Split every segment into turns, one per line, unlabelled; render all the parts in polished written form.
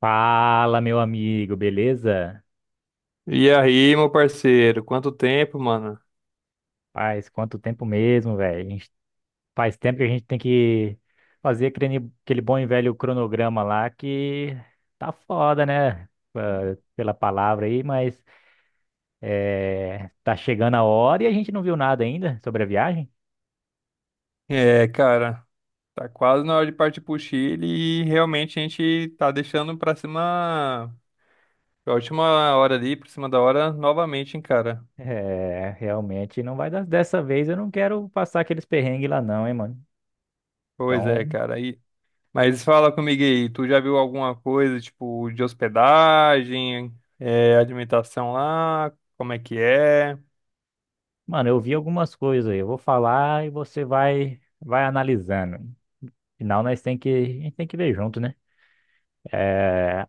Fala, meu amigo, beleza?
E aí, meu parceiro, quanto tempo, mano?
Faz quanto tempo mesmo, velho? Faz tempo que a gente tem que fazer aquele bom e velho cronograma lá que tá foda, né? Pela palavra aí, mas é, tá chegando a hora e a gente não viu nada ainda sobre a viagem.
É, cara, tá quase na hora de partir pro Chile e realmente a gente tá deixando pra cima, pra última hora ali, por cima da hora, novamente, hein, cara?
É, realmente não vai dar. Dessa vez eu não quero passar aqueles perrengues lá, não, hein, mano?
Pois é,
Então,
cara. E... Mas fala comigo aí, tu já viu alguma coisa, tipo, de hospedagem, é, alimentação lá, como é que é?
mano, eu vi algumas coisas aí. Eu vou falar e você vai analisando. Final, a gente tem que ver junto, né? É,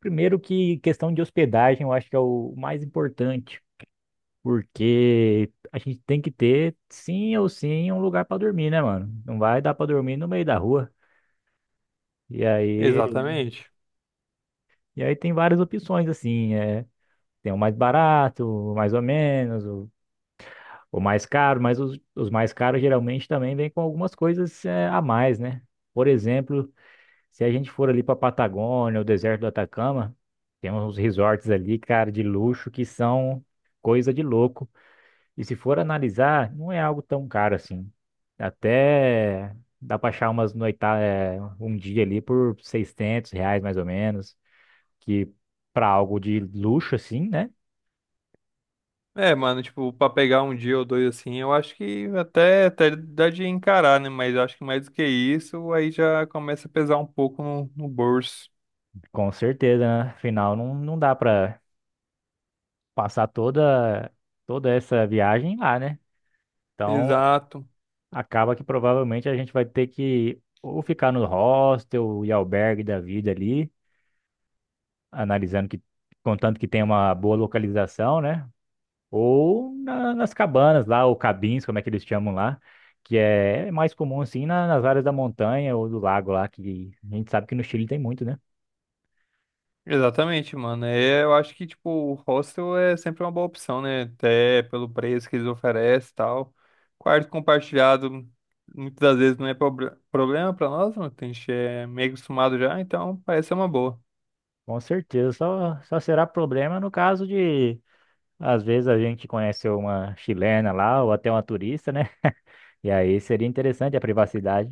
primeiro que questão de hospedagem, eu acho que é o mais importante, porque a gente tem que ter, sim ou sim, um lugar para dormir, né, mano? Não vai dar para dormir no meio da rua. E aí,
Exatamente.
e aí, tem várias opções, assim, tem o mais barato, o mais ou menos, o mais caro, mas os mais caros geralmente também vêm com algumas coisas, a mais, né? Por exemplo, se a gente for ali pra Patagônia, o deserto do Atacama, tem uns resorts ali, cara, de luxo que são coisa de louco. E se for analisar, não é algo tão caro assim. Até dá para achar um dia ali por R$ 600 mais ou menos, que para algo de luxo assim, né?
É, mano, tipo, pra pegar um dia ou dois assim, eu acho que até, até dá de encarar, né? Mas eu acho que mais do que isso, aí já começa a pesar um pouco no bolso.
Com certeza, né? Afinal, não dá para passar toda toda essa viagem lá, né? Então,
Exato.
acaba que provavelmente a gente vai ter que ou ficar no hostel e albergue da vida ali, analisando que, contanto que tenha uma boa localização, né? Ou nas cabanas lá, ou cabins, como é que eles chamam lá, que é mais comum assim nas áreas da montanha ou do lago lá, que a gente sabe que no Chile tem muito, né?
Exatamente, mano. É, eu acho que, tipo, o hostel é sempre uma boa opção, né? Até pelo preço que eles oferecem e tal. Quarto compartilhado, muitas das vezes não é problema pra nós, mano. Que A gente é meio acostumado já, então parece ser uma boa.
Com certeza, só será problema no caso de, às vezes, a gente conhece uma chilena lá ou até uma turista, né? E aí seria interessante a privacidade.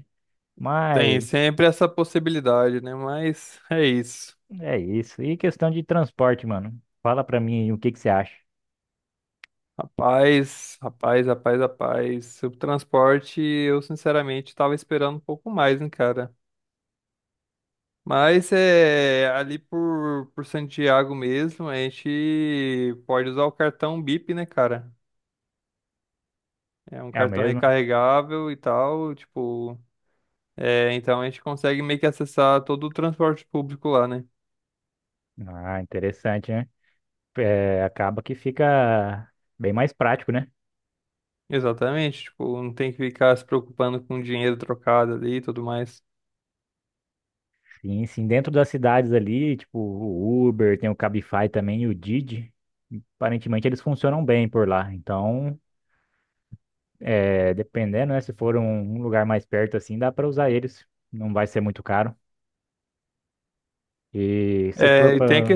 Tem
Mas
sempre essa possibilidade, né? Mas é isso.
é isso. E questão de transporte, mano. Fala pra mim o que que você acha.
Rapaz. Sobre o transporte, eu sinceramente estava esperando um pouco mais, hein, cara. Mas é ali por Santiago mesmo, a gente pode usar o cartão Bip, né, cara? É um
É o
cartão
mesmo?
recarregável e tal, tipo. É, então a gente consegue meio que acessar todo o transporte público lá, né?
Ah, interessante, né? É, acaba que fica bem mais prático, né?
Exatamente, tipo, não tem que ficar se preocupando com dinheiro trocado ali e tudo mais.
Sim, sim. Dentro das cidades ali, tipo o Uber, tem o Cabify também e o Didi. Aparentemente eles funcionam bem por lá. Então dependendo, né? Se for um lugar mais perto assim, dá pra usar eles. Não vai ser muito caro. E se for
É, e tem a
pra.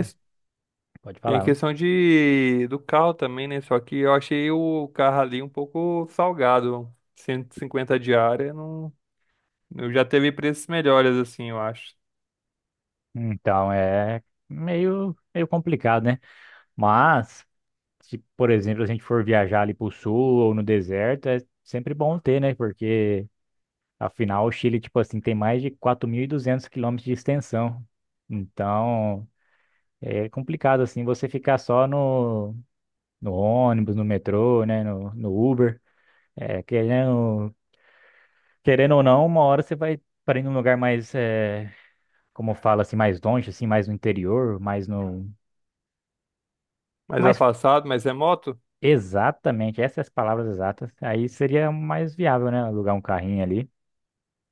Pode
Tem a
falar, né?
questão de do carro também, né? Só que eu achei o carro ali um pouco salgado. 150 diária, não... eu já teve preços melhores, assim, eu acho.
Então é meio complicado, né? Mas, se, por exemplo, a gente for viajar ali pro sul ou no deserto, é sempre bom ter, né? Porque afinal o Chile, tipo assim, tem mais de 4.200 quilômetros de extensão. Então é complicado assim você ficar só no ônibus, no metrô, né? No Uber. É, querendo ou não, uma hora você vai para ir num lugar mais, como fala assim, mais longe, assim, mais no interior, mais no,
Mais
mais
afastado, mas é moto?
exatamente, essas as palavras exatas. Aí seria mais viável, né? Alugar um carrinho ali,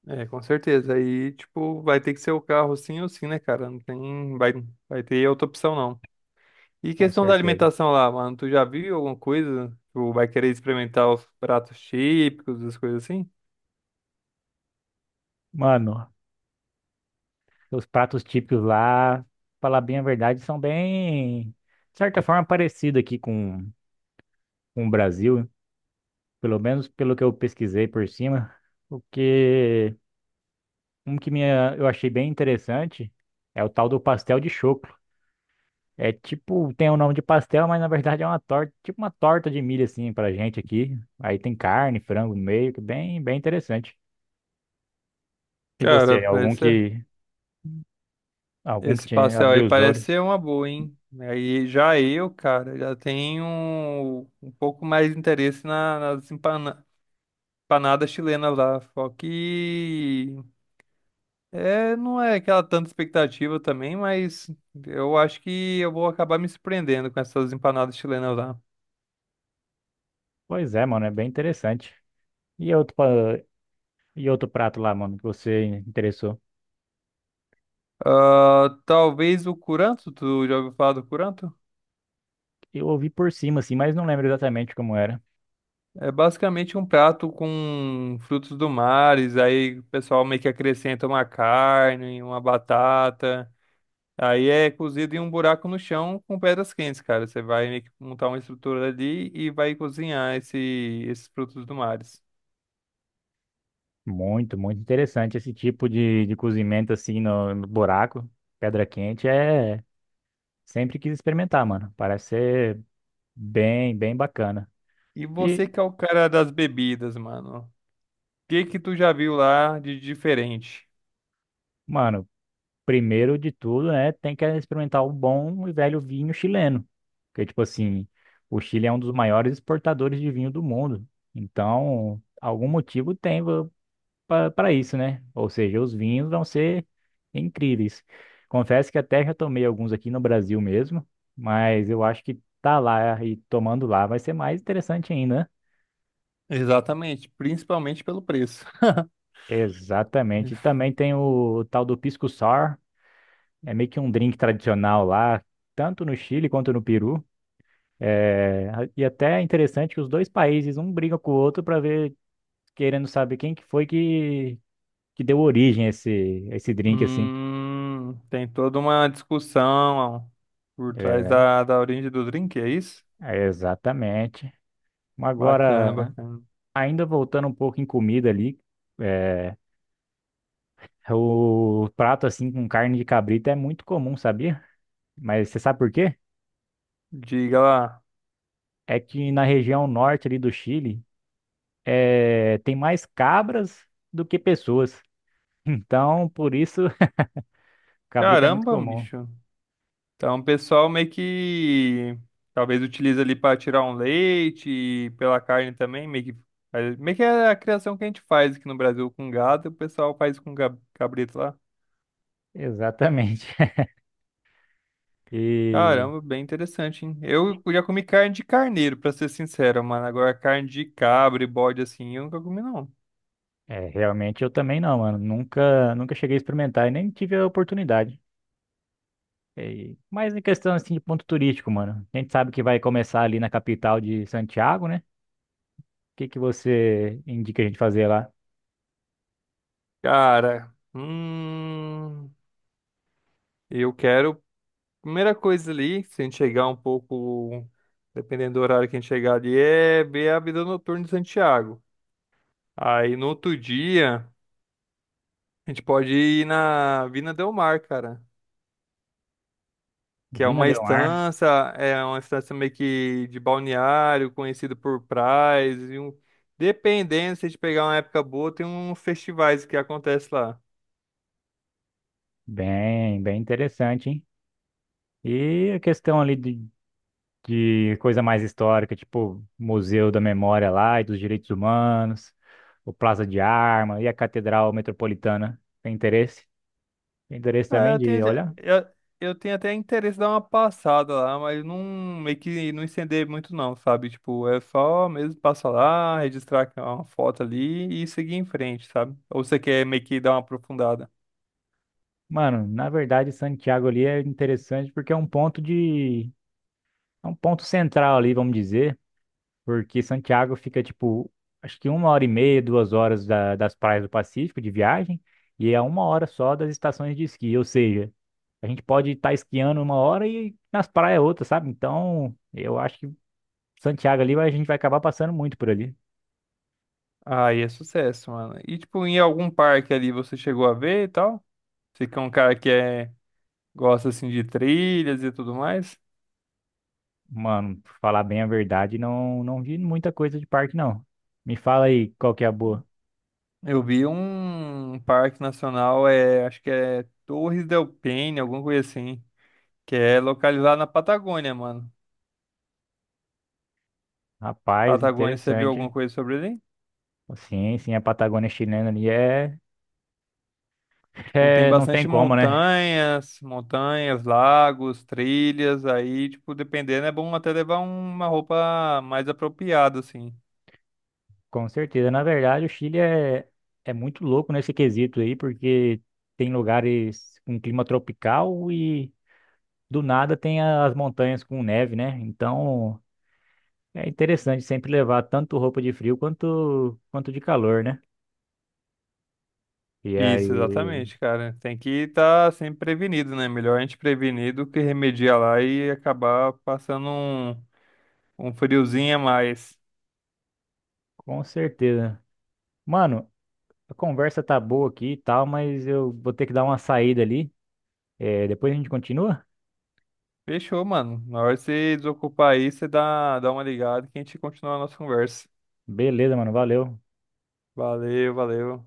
É, com certeza. Aí, tipo, vai ter que ser o carro sim ou sim, né, cara? Não tem. Vai ter outra opção, não. E
com
questão da
certeza.
alimentação lá, mano, tu já viu alguma coisa? Tu vai querer experimentar os pratos típicos, as coisas assim?
Mano, os pratos típicos lá, falar bem a verdade, são bem, de certa forma, parecidos aqui com, o Brasil, pelo menos pelo que eu pesquisei por cima. Porque eu achei bem interessante é o tal do pastel de choco. É tipo, tem o nome de pastel, mas na verdade é uma torta, tipo uma torta de milho assim pra gente aqui. Aí tem carne, frango no meio, que é bem, bem interessante. E
Cara,
você, algum
parece.
que, algum que
Esse
te
pastel aí
abriu os
parece
olhos?
ser uma boa, hein? Aí já eu, cara, já tenho um pouco mais de interesse nas empanadas chilenas lá. Só que é, não é aquela tanta expectativa também, mas eu acho que eu vou acabar me surpreendendo com essas empanadas chilenas lá.
Pois é, mano, é bem interessante. E outro, pa- e outro prato lá, mano, que você interessou?
Ah, talvez o curanto, tu já ouviu falar do curanto?
Eu ouvi por cima assim, mas não lembro exatamente como era.
É basicamente um prato com frutos do mar, aí o pessoal meio que acrescenta uma carne, uma batata. Aí é cozido em um buraco no chão com pedras quentes, cara. Você vai meio que montar uma estrutura ali e vai cozinhar esses frutos do mar.
Muito, muito interessante esse tipo de cozimento assim no buraco, pedra quente, sempre quis experimentar, mano. Parece ser bem, bem bacana.
E você
E,
que é o cara das bebidas, mano. O que que tu já viu lá de diferente?
mano, primeiro de tudo, né, tem que experimentar o bom e velho vinho chileno. Porque, tipo assim, o Chile é um dos maiores exportadores de vinho do mundo. Então, algum motivo tem para isso, né? Ou seja, os vinhos vão ser incríveis. Confesso que até já tomei alguns aqui no Brasil mesmo, mas eu acho que tá lá e tomando lá vai ser mais interessante ainda, né?
Exatamente, principalmente pelo preço.
Exatamente. E também tem o tal do Pisco Sour. É meio que um drink tradicional lá, tanto no Chile quanto no Peru. É, e até é interessante que os dois países, um briga com o outro para ver, querendo saber quem que, foi que deu origem a esse drink, assim.
Tem toda uma discussão por trás
É,
da origem do drink, é isso?
é exatamente. Mas
Bacana,
agora,
bacana.
ainda voltando um pouco em comida ali, é, o prato assim com carne de cabrito é muito comum, sabia? Mas você sabe por quê?
Diga lá.
É que na região norte ali do Chile, tem mais cabras do que pessoas. Então, por isso, cabrito é muito
Caramba,
comum.
bicho. Então, o pessoal meio que talvez utiliza ali para tirar um leite e pela carne também, meio que aí, meio que é a criação que a gente faz aqui no Brasil com gado, e o pessoal faz com cabrito lá.
Exatamente. E
Caramba, bem interessante, hein? Eu já comi carne de carneiro, pra ser sincero, mano. Agora carne de cabra e bode assim, eu nunca comi não.
realmente eu também não, mano. Nunca, nunca cheguei a experimentar e nem tive a oportunidade. Mas em questão assim de ponto turístico, mano. A gente sabe que vai começar ali na capital de Santiago, né? O que que você indica a gente fazer lá?
Cara, eu quero primeira coisa ali, se a gente chegar um pouco, dependendo do horário que a gente chegar ali, é ver a vida noturna de Santiago. Aí no outro dia, a gente pode ir na Vina Del Mar, cara. Que
Vina del Mar.
é uma estância meio que de balneário, conhecida por praias. E um... Dependendo, se a gente pegar uma época boa, tem uns festivais que acontecem lá.
Bem, bem interessante, hein? E a questão ali de coisa mais histórica, tipo Museu da Memória lá e dos Direitos Humanos, o Plaza de Arma e a Catedral Metropolitana. Tem interesse? Tem interesse
É,
também de olhar?
eu, eu tenho até interesse de dar uma passada lá, mas não meio que não estender muito não, sabe? Tipo, é só mesmo passar lá, registrar uma foto ali e seguir em frente, sabe? Ou você quer meio que dar uma aprofundada?
Mano, na verdade, Santiago ali é interessante porque é um ponto de. É um ponto central ali, vamos dizer. Porque Santiago fica, tipo, acho que uma hora e meia, 2 horas das praias do Pacífico de viagem, e é uma hora só das estações de esqui, ou seja, a gente pode estar esquiando uma hora e nas praias outra, sabe? Então, eu acho que Santiago ali a gente vai acabar passando muito por ali.
Aí é sucesso, mano. E tipo, em algum parque ali você chegou a ver e tal? Você que é um cara que é, gosta assim de trilhas e tudo mais.
Mano, pra falar bem a verdade, não vi muita coisa de parque, não. Me fala aí qual que é a boa.
Eu vi um parque nacional, é, acho que é Torres del Paine, alguma coisa assim, que é localizado na Patagônia, mano.
Rapaz,
Patagônia, você viu alguma
interessante.
coisa sobre ele?
Sim, sim, a Patagônia chilena ali é,
Tipo, tem
é, não tem
bastante
como, né?
montanhas, lagos, trilhas, aí, tipo, dependendo, é bom até levar uma roupa mais apropriada, assim.
Com certeza. Na verdade, o Chile é muito louco nesse quesito aí, porque tem lugares com clima tropical e do nada tem as montanhas com neve, né? Então é interessante sempre levar tanto roupa de frio quanto de calor, né? E
Isso,
aí,
exatamente, cara. Tem que estar sempre prevenido, né? Melhor a gente prevenir do que remediar lá e acabar passando um, um friozinho a mais.
com certeza. Mano, a conversa tá boa aqui e tal, mas eu vou ter que dar uma saída ali. É, depois a gente continua?
Fechou, mano. Na hora de você desocupar aí, você dá uma ligada que a gente continua a nossa conversa.
Beleza, mano. Valeu.
Valeu, valeu.